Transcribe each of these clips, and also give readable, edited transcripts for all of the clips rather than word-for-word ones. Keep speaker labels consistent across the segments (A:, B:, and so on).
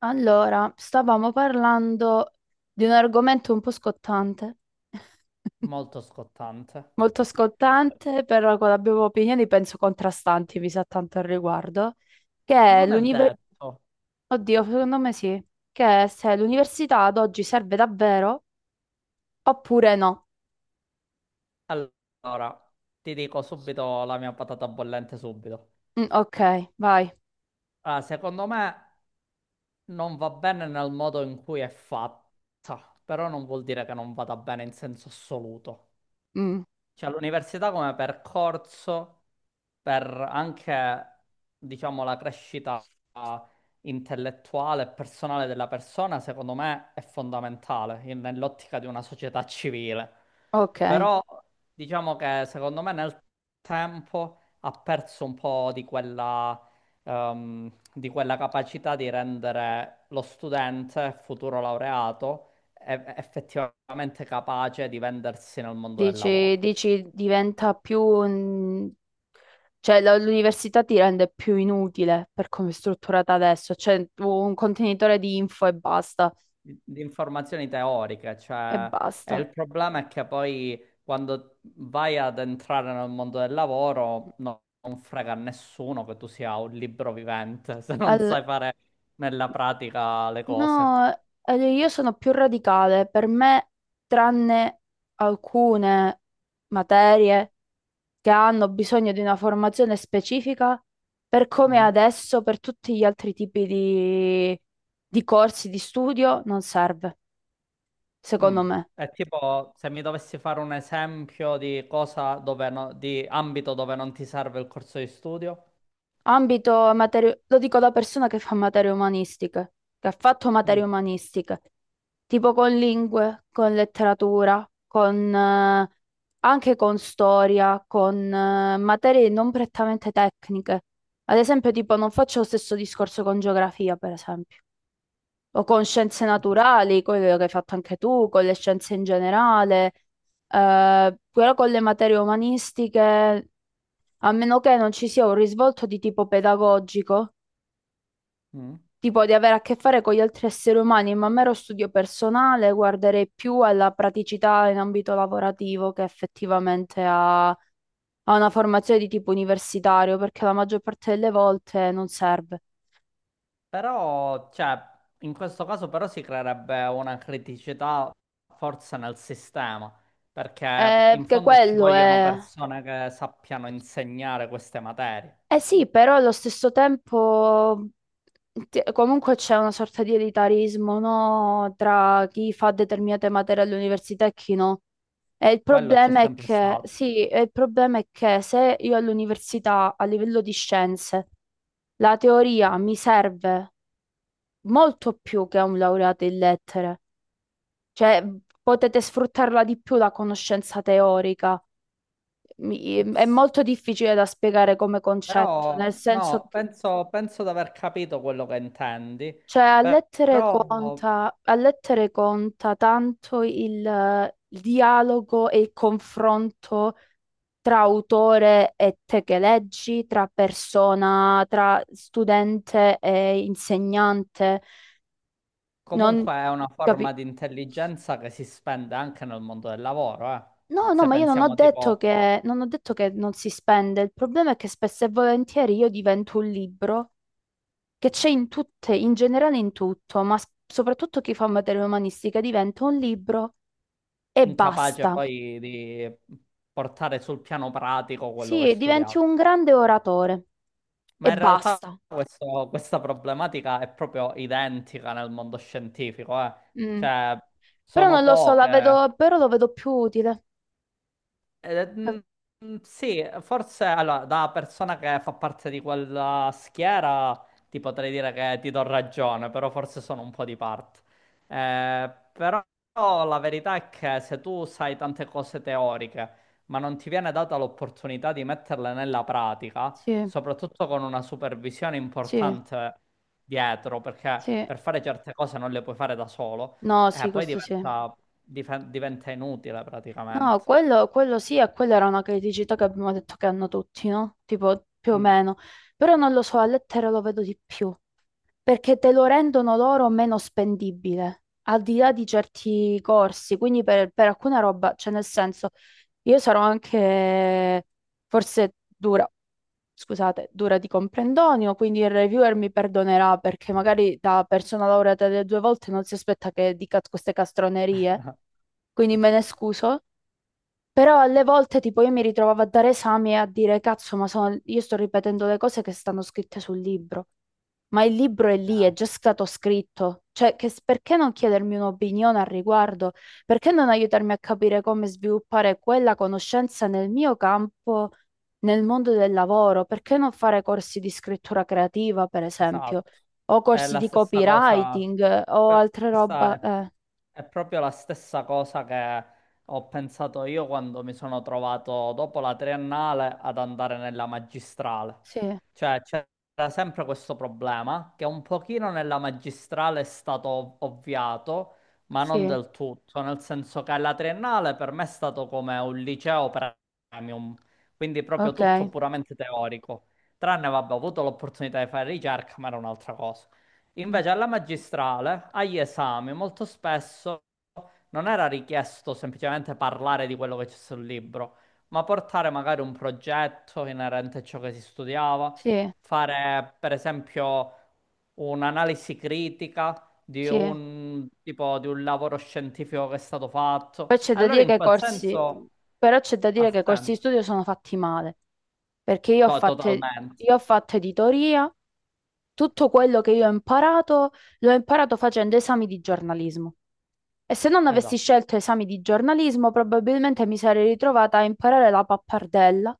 A: Allora, stavamo parlando di un argomento un po' scottante,
B: Molto scottante.
A: molto scottante, però abbiamo opinioni penso contrastanti, mi sa tanto al riguardo, che è
B: Non è
A: l'università.
B: detto.
A: Oddio, secondo me sì, che è se l'università ad oggi serve davvero oppure no.
B: Allora, ti dico subito la mia patata bollente subito.
A: Mm, ok, vai.
B: Allora, secondo me non va bene nel modo in cui è fatta, però non vuol dire che non vada bene in senso assoluto.
A: Mm,
B: Cioè, l'università come percorso per anche, diciamo, la crescita intellettuale e personale della persona, secondo me, è fondamentale nell'ottica di una società civile.
A: ok.
B: Però, diciamo che secondo me nel tempo ha perso un po' di quella capacità di rendere lo studente, futuro laureato, effettivamente capace di vendersi nel mondo del
A: Dici,
B: lavoro.
A: dici diventa più... mm, cioè, l'università ti rende più inutile per come è strutturata adesso. Cioè, un contenitore di info e basta.
B: Di informazioni teoriche,
A: E
B: cioè, e
A: basta.
B: il problema è che poi quando vai ad entrare nel mondo del lavoro non frega a nessuno che tu sia un libro vivente se non
A: Al-
B: sai fare nella pratica le cose.
A: No, io sono più radicale. Per me, tranne alcune materie che hanno bisogno di una formazione specifica, per come è
B: No?
A: adesso, per tutti gli altri tipi di corsi di studio, non serve.
B: Mm.
A: Secondo me.
B: È tipo se mi dovessi fare un esempio di cosa dove di ambito dove non ti serve il corso di studio.
A: Ambito materie, lo dico da persona che fa materie umanistiche, che ha fatto materie
B: Mm.
A: umanistiche, tipo con lingue, con letteratura, con, anche con storia, con, materie non prettamente tecniche. Ad esempio, tipo, non faccio lo stesso discorso con geografia, per esempio, o con scienze naturali, quello che hai fatto anche tu, con le scienze in generale, però con le materie umanistiche. A meno che non ci sia un risvolto di tipo pedagogico,
B: Mm.
A: tipo di avere a che fare con gli altri esseri umani, ma a mero studio personale guarderei più alla praticità in ambito lavorativo che effettivamente a, a una formazione di tipo universitario, perché la maggior parte delle volte non serve.
B: Però, cioè, in questo caso però si creerebbe una criticità forse nel sistema, perché in
A: Che
B: fondo ci
A: quello
B: vogliono
A: è...
B: persone che sappiano insegnare queste materie.
A: Eh sì, però allo stesso tempo comunque c'è una sorta di elitarismo, no? Tra chi fa determinate materie all'università e chi no. E il
B: Quello c'è
A: problema è
B: sempre
A: che,
B: stato.
A: sì, e il problema è che se io all'università, a livello di scienze, la teoria mi serve molto più che a un laureato in lettere, cioè potete sfruttarla di più la conoscenza teorica. È
B: Ps-
A: molto difficile da spiegare come concetto, nel
B: Però,
A: senso
B: no,
A: che
B: penso di aver capito quello che intendi,
A: cioè,
B: però
A: a lettere conta tanto il dialogo e il confronto tra autore e te che leggi, tra persona, tra studente e insegnante. Non
B: comunque è una
A: capi-
B: forma di intelligenza che si spende anche nel mondo del lavoro, eh.
A: no, no,
B: Se
A: ma io non ho
B: pensiamo
A: detto
B: tipo...
A: che, non ho detto che non si spende. Il problema è che spesso e volentieri io divento un libro che c'è in tutte, in generale in tutto, ma soprattutto chi fa materia umanistica diventa un libro e
B: incapace
A: basta.
B: poi di portare sul piano pratico quello che hai
A: Sì, diventi
B: studiato.
A: un grande oratore e
B: Ma in realtà
A: basta.
B: questa problematica è proprio identica nel mondo scientifico, eh.
A: Mm.
B: Cioè,
A: Però
B: sono
A: non lo so, la
B: poche.
A: vedo, però lo vedo più utile.
B: Eh, mm, sì, forse allora, da persona che fa parte di quella schiera ti potrei dire che ti do ragione, però forse sono un po' di parte. Però la verità è che se tu sai tante cose teoriche, ma non ti viene data l'opportunità di metterle nella pratica,
A: Sì,
B: soprattutto con una supervisione
A: sì,
B: importante dietro, perché
A: sì.
B: per fare certe cose non le puoi fare da solo,
A: No, sì,
B: poi
A: questo sì.
B: diventa inutile
A: No,
B: praticamente.
A: quello sì, e quella era una criticità che abbiamo detto che hanno tutti, no? Tipo, più o
B: Mm.
A: meno. Però non lo so, a lettere lo vedo di più, perché te lo rendono loro meno spendibile, al di là di certi corsi. Quindi per alcuna roba, cioè nel senso, io sarò anche forse dura, scusate, dura di comprendonio, quindi il reviewer mi perdonerà perché magari da persona laureata delle due volte non si aspetta che dica queste castronerie, quindi me ne scuso. Però alle volte tipo io mi ritrovavo a dare esami e a dire cazzo, ma io sto ripetendo le cose che stanno scritte sul libro. Ma il libro è lì, è
B: Eh,
A: già stato scritto. Cioè, perché non chiedermi un'opinione al riguardo? Perché non aiutarmi a capire come sviluppare quella conoscenza nel mio campo, nel mondo del lavoro? Perché non fare corsi di scrittura creativa, per esempio?
B: esatto,
A: O
B: è
A: corsi
B: la
A: di
B: stessa cosa,
A: copywriting o altre
B: questa
A: roba?
B: è È proprio la stessa cosa che ho pensato io quando mi sono trovato dopo la triennale ad andare nella magistrale.
A: Sì,
B: Cioè, c'era sempre questo problema che un pochino nella magistrale è stato ovviato, ma non
A: sì,
B: del tutto, nel senso che la triennale per me è stato come un liceo premium, quindi proprio tutto
A: ok.
B: puramente teorico. Tranne, vabbè, ho avuto l'opportunità di fare ricerca, ma era un'altra cosa.
A: Mm,
B: Invece alla magistrale, agli esami, molto spesso non era richiesto semplicemente parlare di quello che c'è sul libro, ma portare magari un progetto inerente a ciò che si studiava,
A: sì,
B: fare per esempio un'analisi critica di
A: sì.
B: un tipo di un lavoro scientifico che è stato fatto.
A: Poi c'è da
B: Allora
A: dire
B: in
A: che i
B: quel
A: corsi,
B: senso
A: però c'è da
B: ha
A: dire che i corsi di
B: senso.
A: studio sono fatti male, perché
B: No, totalmente.
A: io ho fatto editoria, tutto quello che io ho imparato l'ho imparato facendo esami di giornalismo. E se non avessi
B: Esatto.
A: scelto esami di giornalismo, probabilmente mi sarei ritrovata a imparare la pappardella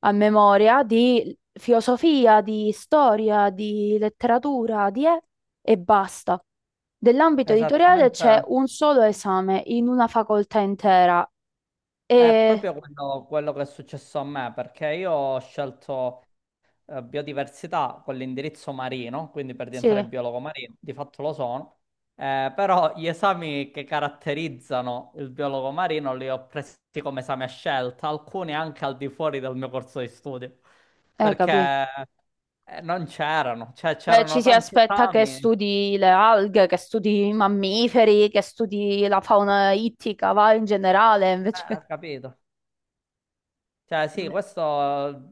A: a memoria di filosofia, di storia, di letteratura, di e basta. Dell'ambito editoriale
B: Esattamente.
A: c'è un solo esame in una facoltà intera
B: È
A: e
B: proprio quello, quello che è successo a me, perché io ho scelto biodiversità con l'indirizzo marino, quindi per
A: sì,
B: diventare biologo marino, di fatto lo sono, però gli esami che caratterizzano il biologo marino li ho presi come esami a scelta, alcuni anche al di fuori del mio corso di studio, perché
A: capì.
B: non c'erano, cioè
A: Cioè, ci
B: c'erano
A: si
B: tanti
A: aspetta che
B: esami,
A: studi le alghe, che studi i mammiferi, che studi la fauna ittica, va in generale, invece
B: ho capito. Cioè, sì, questo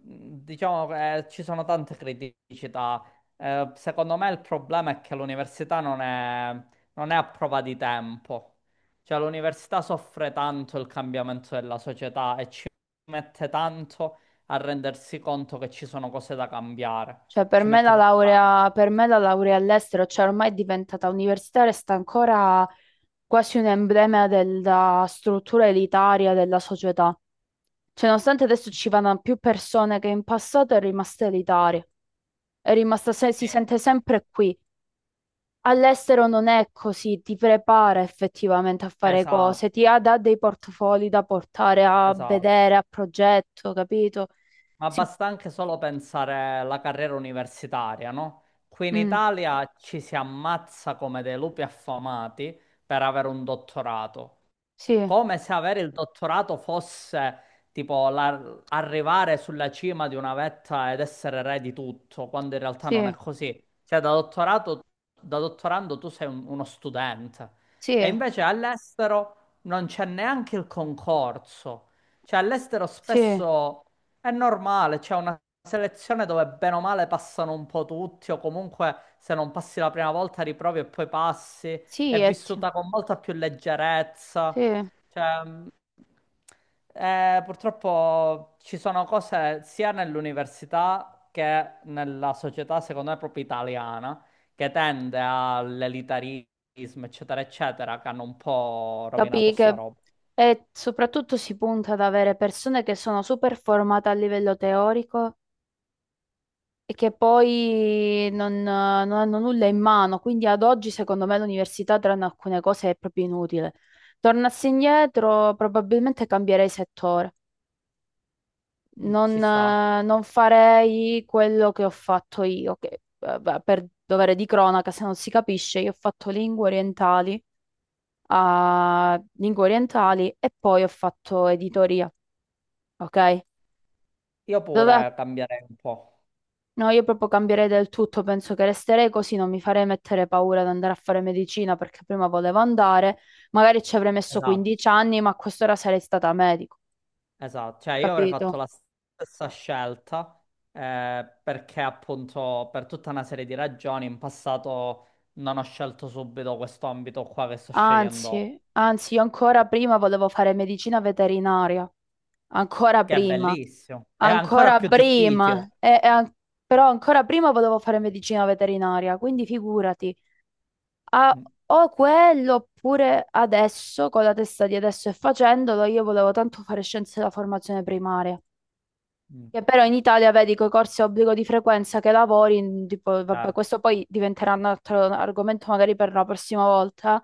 B: diciamo ci sono tante criticità. Secondo me il problema è che l'università non è, non è a prova di tempo. Cioè, l'università soffre tanto il cambiamento della società e ci mette tanto a rendersi conto che ci sono cose da cambiare.
A: cioè, per
B: Ci
A: me
B: mette
A: la
B: proprio tanto.
A: laurea, per me la laurea all'estero, cioè ormai è diventata universitaria e sta ancora quasi un emblema della struttura elitaria della società. Cioè, nonostante adesso ci vadano più persone che in passato, è rimasta elitaria. È rimasta,
B: Sì,
A: si sente sempre qui. All'estero non è così, ti prepara effettivamente a fare cose,
B: esatto,
A: dà dei portfoli da portare a
B: esatto.
A: vedere, a progetto, capito?
B: Ma
A: Sì,
B: basta anche solo pensare alla carriera universitaria, no? Qui in
A: mm,
B: Italia ci si ammazza come dei lupi affamati per avere un dottorato
A: sì,
B: come se avere il dottorato fosse tipo arrivare sulla cima di una vetta ed essere re di tutto, quando in realtà non
A: sì,
B: è così. Cioè, da dottorando tu sei uno studente. E
A: sì,
B: invece all'estero non c'è neanche il concorso. Cioè, all'estero
A: sì.
B: spesso è normale, c'è una selezione dove bene o male passano un po' tutti, o comunque se non passi la prima volta riprovi e poi passi.
A: Sì,
B: È vissuta con molta più
A: sì,
B: leggerezza. Cioè, purtroppo ci sono cose sia nell'università che nella società, secondo me, proprio italiana, che tende all'elitarismo, eccetera, eccetera, che hanno un po' rovinato
A: capì
B: sta
A: che
B: roba.
A: e soprattutto si punta ad avere persone che sono super formate a livello teorico e che poi non, non hanno nulla in mano, quindi ad oggi secondo me l'università tranne alcune cose è proprio inutile. Tornassi indietro probabilmente cambierei settore,
B: Mm, ci
A: non,
B: sta.
A: non farei quello che ho fatto io, che beh, per dovere di cronaca, se non si capisce, io ho fatto lingue orientali a lingue orientali e poi ho fatto editoria, ok?
B: Io
A: Dov'è?
B: pure cambierei un po'.
A: No, io proprio cambierei del tutto, penso che resterei così, non mi farei mettere paura ad andare a fare medicina perché prima volevo andare, magari ci avrei messo
B: Esatto.
A: 15 anni, ma a quest'ora sarei stata medico,
B: Esatto, cioè io avrei fatto
A: capito?
B: la stessa scelta perché appunto per tutta una serie di ragioni in passato non ho scelto subito questo ambito qua che sto scegliendo, ora,
A: Anzi, anzi, io ancora prima volevo fare medicina veterinaria, ancora
B: che è
A: prima.
B: bellissimo, è ancora
A: Ancora
B: più difficile.
A: prima, però ancora prima volevo fare medicina veterinaria, quindi figurati. Ah,
B: Mm,
A: o quello, oppure adesso, con la testa di adesso e facendolo, io volevo tanto fare scienze della formazione primaria.
B: mm,
A: Che però in Italia, vedi, con i corsi a obbligo di frequenza che lavori, tipo, vabbè,
B: certo,
A: questo poi diventerà un altro argomento magari per la prossima volta,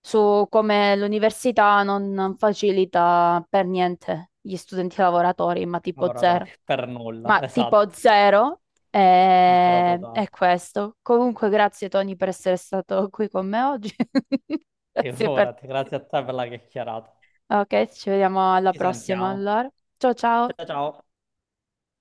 A: su come l'università non facilita per niente gli studenti lavoratori, ma tipo
B: laboratorio,
A: zero.
B: per nulla,
A: Ma tipo
B: esatto,
A: zero
B: zero totale.
A: è questo. Comunque, grazie Tony per essere stato qui con me oggi. Grazie per...
B: Figurati, grazie a te per la chiacchierata.
A: Ok, ci vediamo alla
B: Ci
A: prossima
B: sentiamo.
A: allora. Ciao ciao.
B: Ciao ciao.